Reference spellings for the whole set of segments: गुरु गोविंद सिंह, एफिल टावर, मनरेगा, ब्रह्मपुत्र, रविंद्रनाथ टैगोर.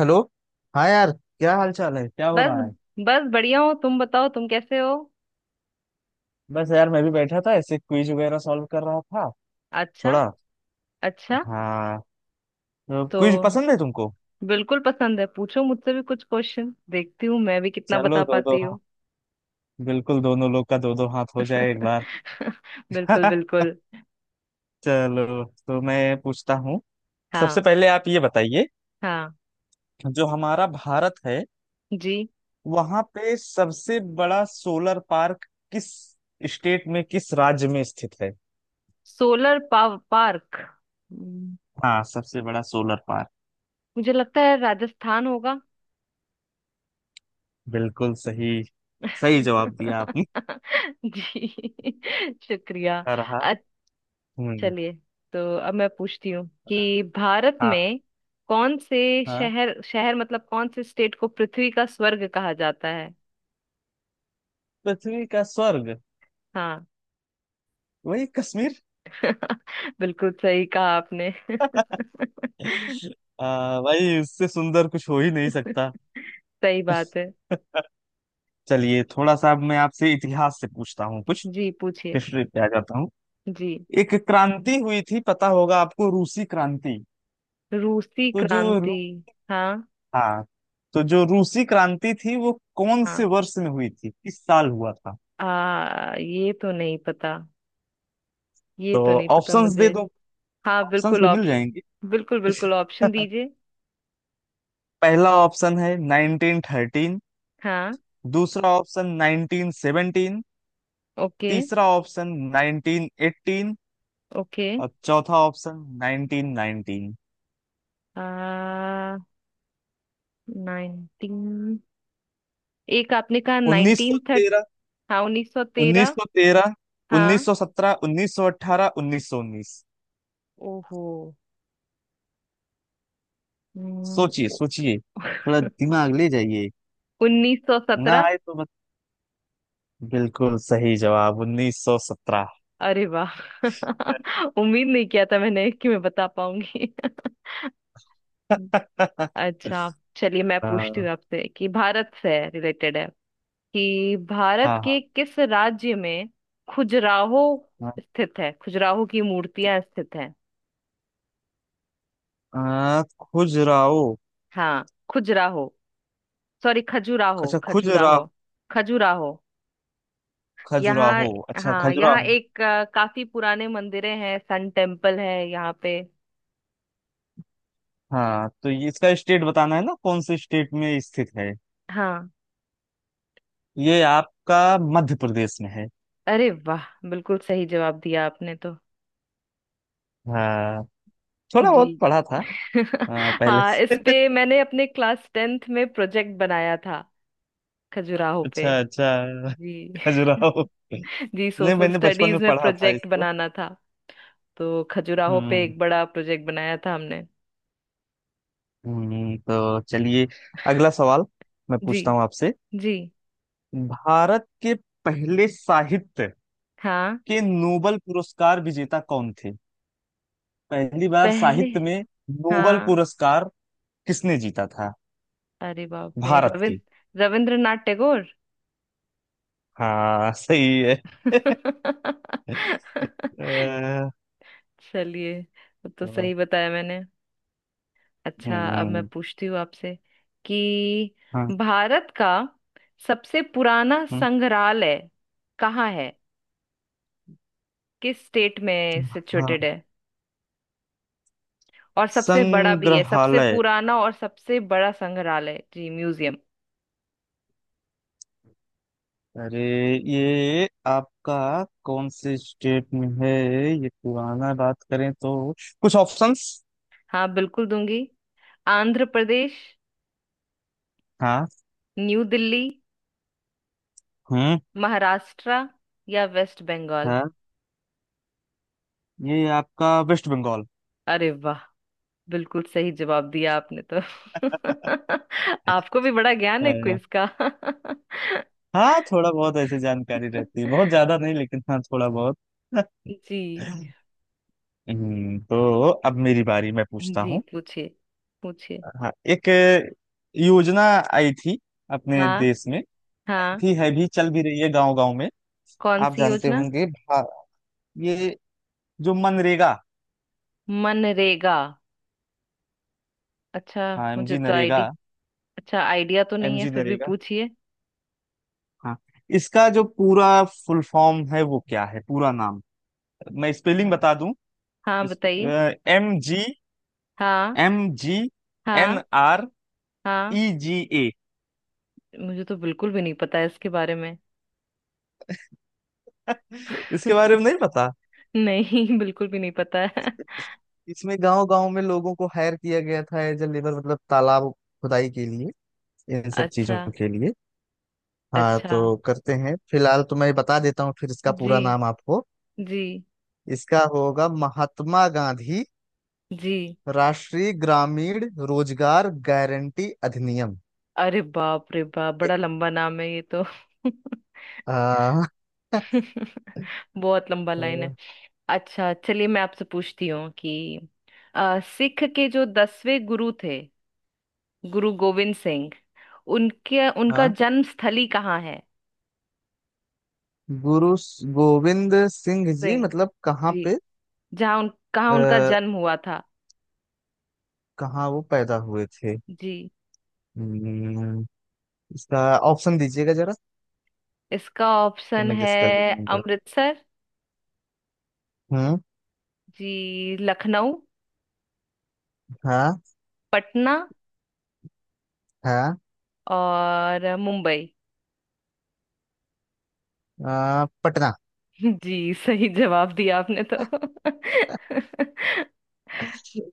Hello. हाँ यार। क्या हाल चाल है? क्या हो बस। रहा है? बस बढ़िया हो। तुम बताओ तुम कैसे हो। बस यार, मैं भी बैठा था ऐसे क्विज वगैरह सॉल्व कर रहा था। अच्छा। थोड़ा। अच्छा। हाँ। तो तो क्विज पसंद है तुमको? बिल्कुल पसंद है। पूछो मुझसे भी कुछ क्वेश्चन, देखती हूँ मैं भी कितना चलो बता दो दो। पाती हाँ। हूँ। बिल्कुल दोनों लोग का दो दो हाथ हो जाए एक बार। बिल्कुल बिल्कुल। चलो तो मैं पूछता हूँ। सबसे हाँ। पहले आप ये बताइए, हाँ। जो हमारा भारत है जी। वहां पे सबसे बड़ा सोलर पार्क किस स्टेट में, किस राज्य में स्थित है? सोलर पाव पार्क। हम्म, हाँ। सबसे बड़ा सोलर पार्क। मुझे लगता है राजस्थान होगा। बिल्कुल सही। सही जवाब दिया आपने। जी। शुक्रिया। रहा। हम्म। चलिए, तो अब मैं पूछती हूँ कि भारत हाँ। में कौन से हाँ। शहर शहर मतलब कौन से स्टेट को पृथ्वी का स्वर्ग कहा जाता है? पृथ्वी का स्वर्ग हाँ। वही कश्मीर। बिल्कुल सही कहा आपने। भाई उससे सुंदर कुछ हो ही नहीं सकता। सही बात है। चलिए थोड़ा सा अब मैं आपसे इतिहास से पूछता हूँ कुछ। जी पूछिए। हिस्ट्री पे आ जाता हूँ। जी। एक क्रांति हुई थी, पता होगा आपको, रूसी क्रांति। रूसी तो जो रू- क्रांति। हाँ। हाँ। तो जो रूसी क्रांति थी वो कौन हाँ। से वर्ष में हुई थी? किस साल हुआ था? ये तो नहीं पता। ये तो तो नहीं पता ऑप्शंस दे मुझे। दो। हाँ ऑप्शंस बिल्कुल भी मिल जाएंगे। ऑप्शन, बिल्कुल बिल्कुल ऑप्शन दीजिए। पहला ऑप्शन है 1913, हाँ। दूसरा ऑप्शन 1917, ओके। तीसरा ऑप्शन 1918 ओके। और चौथा ऑप्शन 1919। आ नाइनटीन, एक आपने कहा नाइनटीन थर्ट। 1913। हाँ उन्नीस सौ तेरह। 1913, हाँ। 1917, 1918, 1919। ओहो। सोचिए सोचिए, थोड़ा दिमाग ले जाइए। उन्नीस सौ ना सत्रह। आए तो मत। बिल्कुल सही जवाब 1917। अरे वाह। उम्मीद नहीं किया था मैंने कि मैं बता पाऊंगी। अच्छा चलिए, मैं पूछती हूँ हाँ। आपसे कि भारत से रिलेटेड है, कि भारत के हाँ। किस राज्य में खजुराहो हाँ। स्थित है, खजुराहो की मूर्तियां स्थित हैं? आ, खुजराहो हाँ। खजुराहो, सॉरी, खजुराहो, अच्छा खुजरा खजुराहो। खजुराहो। यहाँ। खजुराहो अच्छा हाँ, यहाँ खजुराहो। एक काफी पुराने मंदिरें हैं, सन टेम्पल है यहाँ पे। हाँ, तो ये इसका स्टेट बताना है ना, कौन से स्टेट में स्थित है? हाँ। ये आपका मध्य प्रदेश में है। अरे वाह, बिल्कुल सही जवाब दिया आपने तो। हाँ, थोड़ा बहुत जी। पढ़ा था। हाँ, पहले हाँ, इस से। पे मैंने अपने क्लास टेंथ में प्रोजेक्ट बनाया था, खजुराहो पे। अच्छा अच्छा। जी। खजुराहो। जी नहीं, सोशल मैंने बचपन स्टडीज में में पढ़ा था प्रोजेक्ट इसको। बनाना था। तो खजुराहो पे हम्म। एक बड़ा प्रोजेक्ट बनाया था हमने। हम्म। तो चलिए अगला सवाल मैं जी। पूछता हूँ आपसे। जी। भारत के पहले साहित्य हाँ। के नोबल पुरस्कार विजेता कौन थे? पहली बार पहले। साहित्य में नोबल हाँ। पुरस्कार किसने जीता था? अरे बाप रे, भारत के। रविंद्रनाथ टैगोर। हाँ, सही है। अ, चलिए, वो तो सही बताया मैंने। अच्छा, अब मैं हम्म। पूछती हूँ आपसे कि हाँ। भारत का सबसे पुराना हम्म। संग्रहालय कहाँ है, किस स्टेट में हाँ। सिचुएटेड है, और सबसे बड़ा भी है, सबसे संग्रहालय। पुराना और सबसे बड़ा संग्रहालय, जी, म्यूजियम। अरे, ये आपका कौन से स्टेट में है? ये पुराना बात करें तो कुछ ऑप्शंस। हाँ बिल्कुल दूंगी। आंध्र प्रदेश, हाँ। न्यू दिल्ली, हम्म। महाराष्ट्र, या वेस्ट बंगाल। हाँ। ये आपका वेस्ट बंगाल। अरे, बिल्कुल सही जवाब दिया आपने तो। आपको भी बड़ा ज्ञान है अ, क्विज का। हाँ, थोड़ा बहुत ऐसे जानकारी रहती है, बहुत ज्यादा नहीं लेकिन हाँ, थोड़ा बहुत। जी। तो अब मेरी बारी, मैं पूछता जी हूँ। पूछिए। पूछिए। हाँ, एक योजना आई थी अपने हाँ। देश में। आई हाँ। थी, है भी, चल भी रही है गांव गांव में। कौन आप सी जानते योजना? होंगे भा- ये जो मनरेगा। मनरेगा। अच्छा। हाँ, मुझे एमजी तो नरेगा। आईडी अच्छा, आइडिया तो नहीं है, एमजी फिर भी नरेगा। पूछिए। हाँ, इसका जो पूरा फुल फॉर्म है वो क्या है, पूरा नाम? मैं स्पेलिंग हाँ। बता दूं। हाँ, इस, बताइए। एम जी, हाँ। एम जी एन हाँ। आर हाँ। E G A. मुझे तो बिल्कुल भी नहीं पता है इसके बारे में। इसके बारे में नहीं पता। नहीं, बिल्कुल भी नहीं पता है। इसमें गांव गांव में लोगों को हायर किया गया था एज ए लेबर, मतलब तालाब खुदाई के लिए, इन सब चीजों अच्छा। के लिए। हाँ, अच्छा। तो करते हैं, फिलहाल तो मैं बता देता हूँ फिर इसका जी। पूरा नाम आपको। जी। इसका होगा, महात्मा गांधी जी। राष्ट्रीय ग्रामीण रोजगार गारंटी अधिनियम। अरे बाप रे बाप, बड़ा एक। लंबा नाम है ये तो। आ, बहुत लंबा लाइन है। अच्छा चलिए, मैं आपसे पूछती हूँ कि सिख के जो दसवें गुरु थे, गुरु गोविंद सिंह, उनके उनका हाँ। जन्म स्थली कहाँ है? गोविंद सिंह जी सिंह। मतलब कहाँ जी। पे? जहाँ उन कहाँ उनका आ, जन्म हुआ था? कहाँ वो पैदा हुए थे? जी। हम्म, इसका ऑप्शन दीजिएगा जरा, इसका तो ऑप्शन मैं है गेस कर लेता हूँ। अमृतसर, हम्म। जी, लखनऊ, हाँ। पटना हाँ। और मुंबई। हाँ। पटना। जी, सही जवाब दिया आपने तो।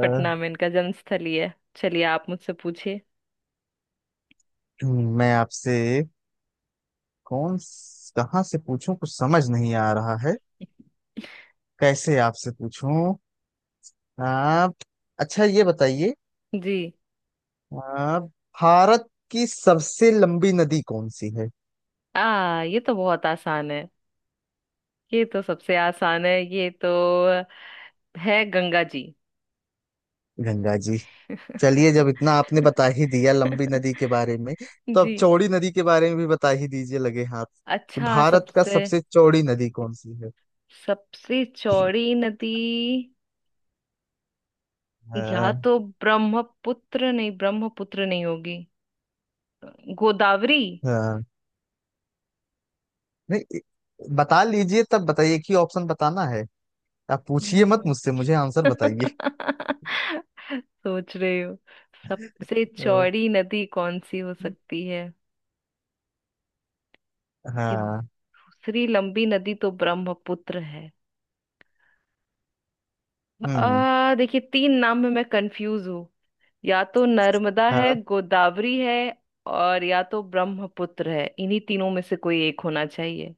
पटना में इनका जन्म स्थल ही है। चलिए, आप मुझसे पूछिए। मैं आपसे कौन, कहाँ से पूछूं, कुछ समझ नहीं आ रहा है, कैसे आपसे पूछूं आप? अच्छा, ये बताइए, जी। आप भारत की सबसे लंबी नदी कौन सी है? आ ये तो बहुत आसान है। ये तो सबसे आसान है ये तो। है गंगा जी। गंगा जी। चलिए, जब इतना आपने बता ही दिया लंबी नदी के बारे में, तो जी। अब चौड़ी नदी के बारे में भी बता ही दीजिए लगे हाथ। अच्छा, भारत का सबसे सबसे चौड़ी नदी कौन सी है? सबसे चौड़ी नदी। या हाँ। तो ब्रह्मपुत्र, नहीं, ब्रह्मपुत्र नहीं होगी। गोदावरी। हाँ। नहीं, बता लीजिए तब, बताइए कि ऑप्शन बताना है। आप पूछिए मत हम्म, मुझसे, मुझे आंसर बताइए। सोच रही हूँ सबसे अ, चौड़ी नदी कौन सी हो सकती है। कि हाँ। दूसरी लंबी नदी तो ब्रह्मपुत्र है। हम्म। आ देखिए, तीन नाम में मैं कंफ्यूज हूँ। या तो नर्मदा है, हाँ। गोदावरी है, और या तो ब्रह्मपुत्र है, इन्हीं तीनों में से कोई एक होना चाहिए।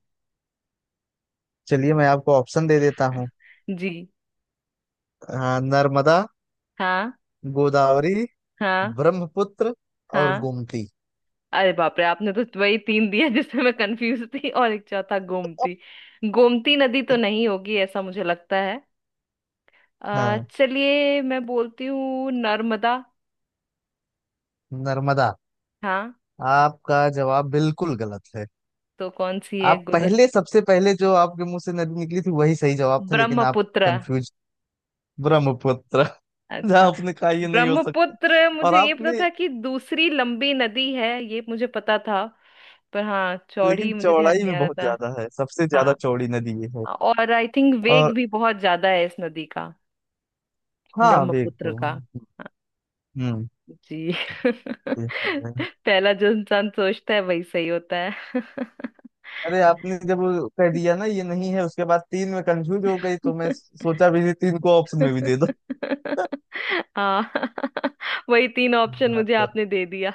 चलिए, मैं आपको ऑप्शन दे देता हूँ। जी। हाँ, नर्मदा, हाँ। गोदावरी, हाँ। ब्रह्मपुत्र और हाँ। गोमती। अरे बाप रे, आपने तो वही तीन दिया जिससे मैं कंफ्यूज थी, और एक चौथा गोमती। गोमती नदी तो नहीं होगी ऐसा मुझे लगता है। हाँ, चलिए, मैं बोलती हूँ नर्मदा। नर्मदा। हाँ। आपका जवाब बिल्कुल गलत है। तो कौन सी है आप गुद? पहले, सबसे पहले जो आपके मुंह से नदी निकली थी वही सही जवाब था लेकिन आप ब्रह्मपुत्र। कंफ्यूज। ब्रह्मपुत्र। जहाँ अच्छा। आपने कहा ये नहीं हो सकता। ब्रह्मपुत्र, और मुझे ये पता आपने, था कि दूसरी लंबी नदी है ये मुझे पता था। पर हाँ, चौड़ी लेकिन मुझे ध्यान चौड़ाई नहीं में आ रहा बहुत था। ज्यादा है, सबसे ज्यादा हाँ। चौड़ी नदी ये है। और आई थिंक वेग और भी बहुत ज्यादा है इस नदी का, हाँ, वेग ब्रह्मपुत्र तो। का। हम्म। जी। हम्म। पहला जो इंसान सोचता है वही सही होता है। अरे, आपने जब वो कह दिया ना ये नहीं है, उसके बाद तीन में कंफ्यूज हो गई, तो मैं सोचा भी नहीं, तीन को ऑप्शन में भी दे दो। हाँ। वही तीन ऑप्शन हाँ। मुझे तो। आपने दे दिया।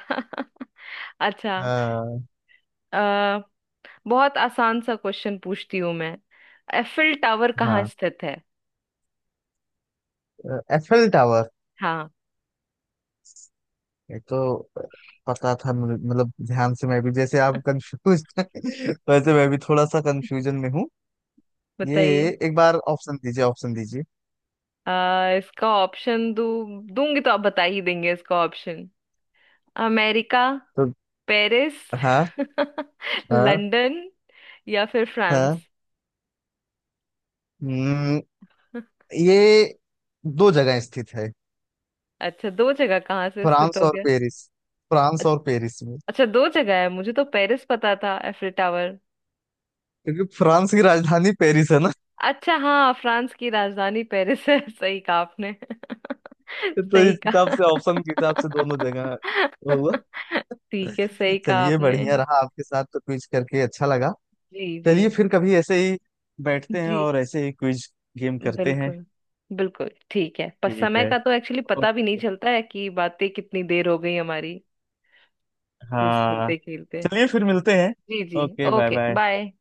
अच्छा। हाँ। आ, बहुत आसान सा क्वेश्चन पूछती हूँ मैं। एफिल टावर कहाँ हाँ, स्थित है? एफएल टावर हाँ। ये तो पता था मुझे, मतलब ध्यान से मैं भी, जैसे आप कंफ्यूज वैसे मैं भी थोड़ा सा कंफ्यूजन में हूँ। ये बताइए। एक बार ऑप्शन दीजिए, ऑप्शन दीजिए इसका ऑप्शन दू, दूंगी तो आप बता ही देंगे इसका ऑप्शन। अमेरिका, तो। पेरिस, हाँ। हाँ। लंदन, या फिर हाँ। फ्रांस। हम्म, ये दो जगह स्थित है, अच्छा, दो जगह कहाँ से स्थित फ्रांस हो और गया? पेरिस, फ्रांस अच- और पेरिस। अच्छा, दो जगह है, मुझे तो पेरिस पता था एफिल टावर। क्योंकि फ्रांस की राजधानी पेरिस है ना। अच्छा हाँ, फ्रांस की राजधानी पेरिस है। सही कहा आपने। तो सही इस हिसाब कहा। से, ऑप्शन के हिसाब से दोनों जगह हुआ। ठीक है, सही कहा चलिए, आपने। बढ़िया रहा, आपके साथ तो क्विज करके अच्छा लगा। जी। जी। चलिए, फिर कभी ऐसे ही बैठते हैं जी। और ऐसे ही क्विज गेम करते हैं। बिल्कुल। बिल्कुल ठीक है, पर ठीक समय है। का तो एक्चुअली पता भी नहीं ओके। चलता है कि बातें कितनी देर हो गई हमारी, क्विज हाँ। खेलते खेलते। चलिए, फिर मिलते हैं। जी। जी। Okay, bye okay, bye. Bye.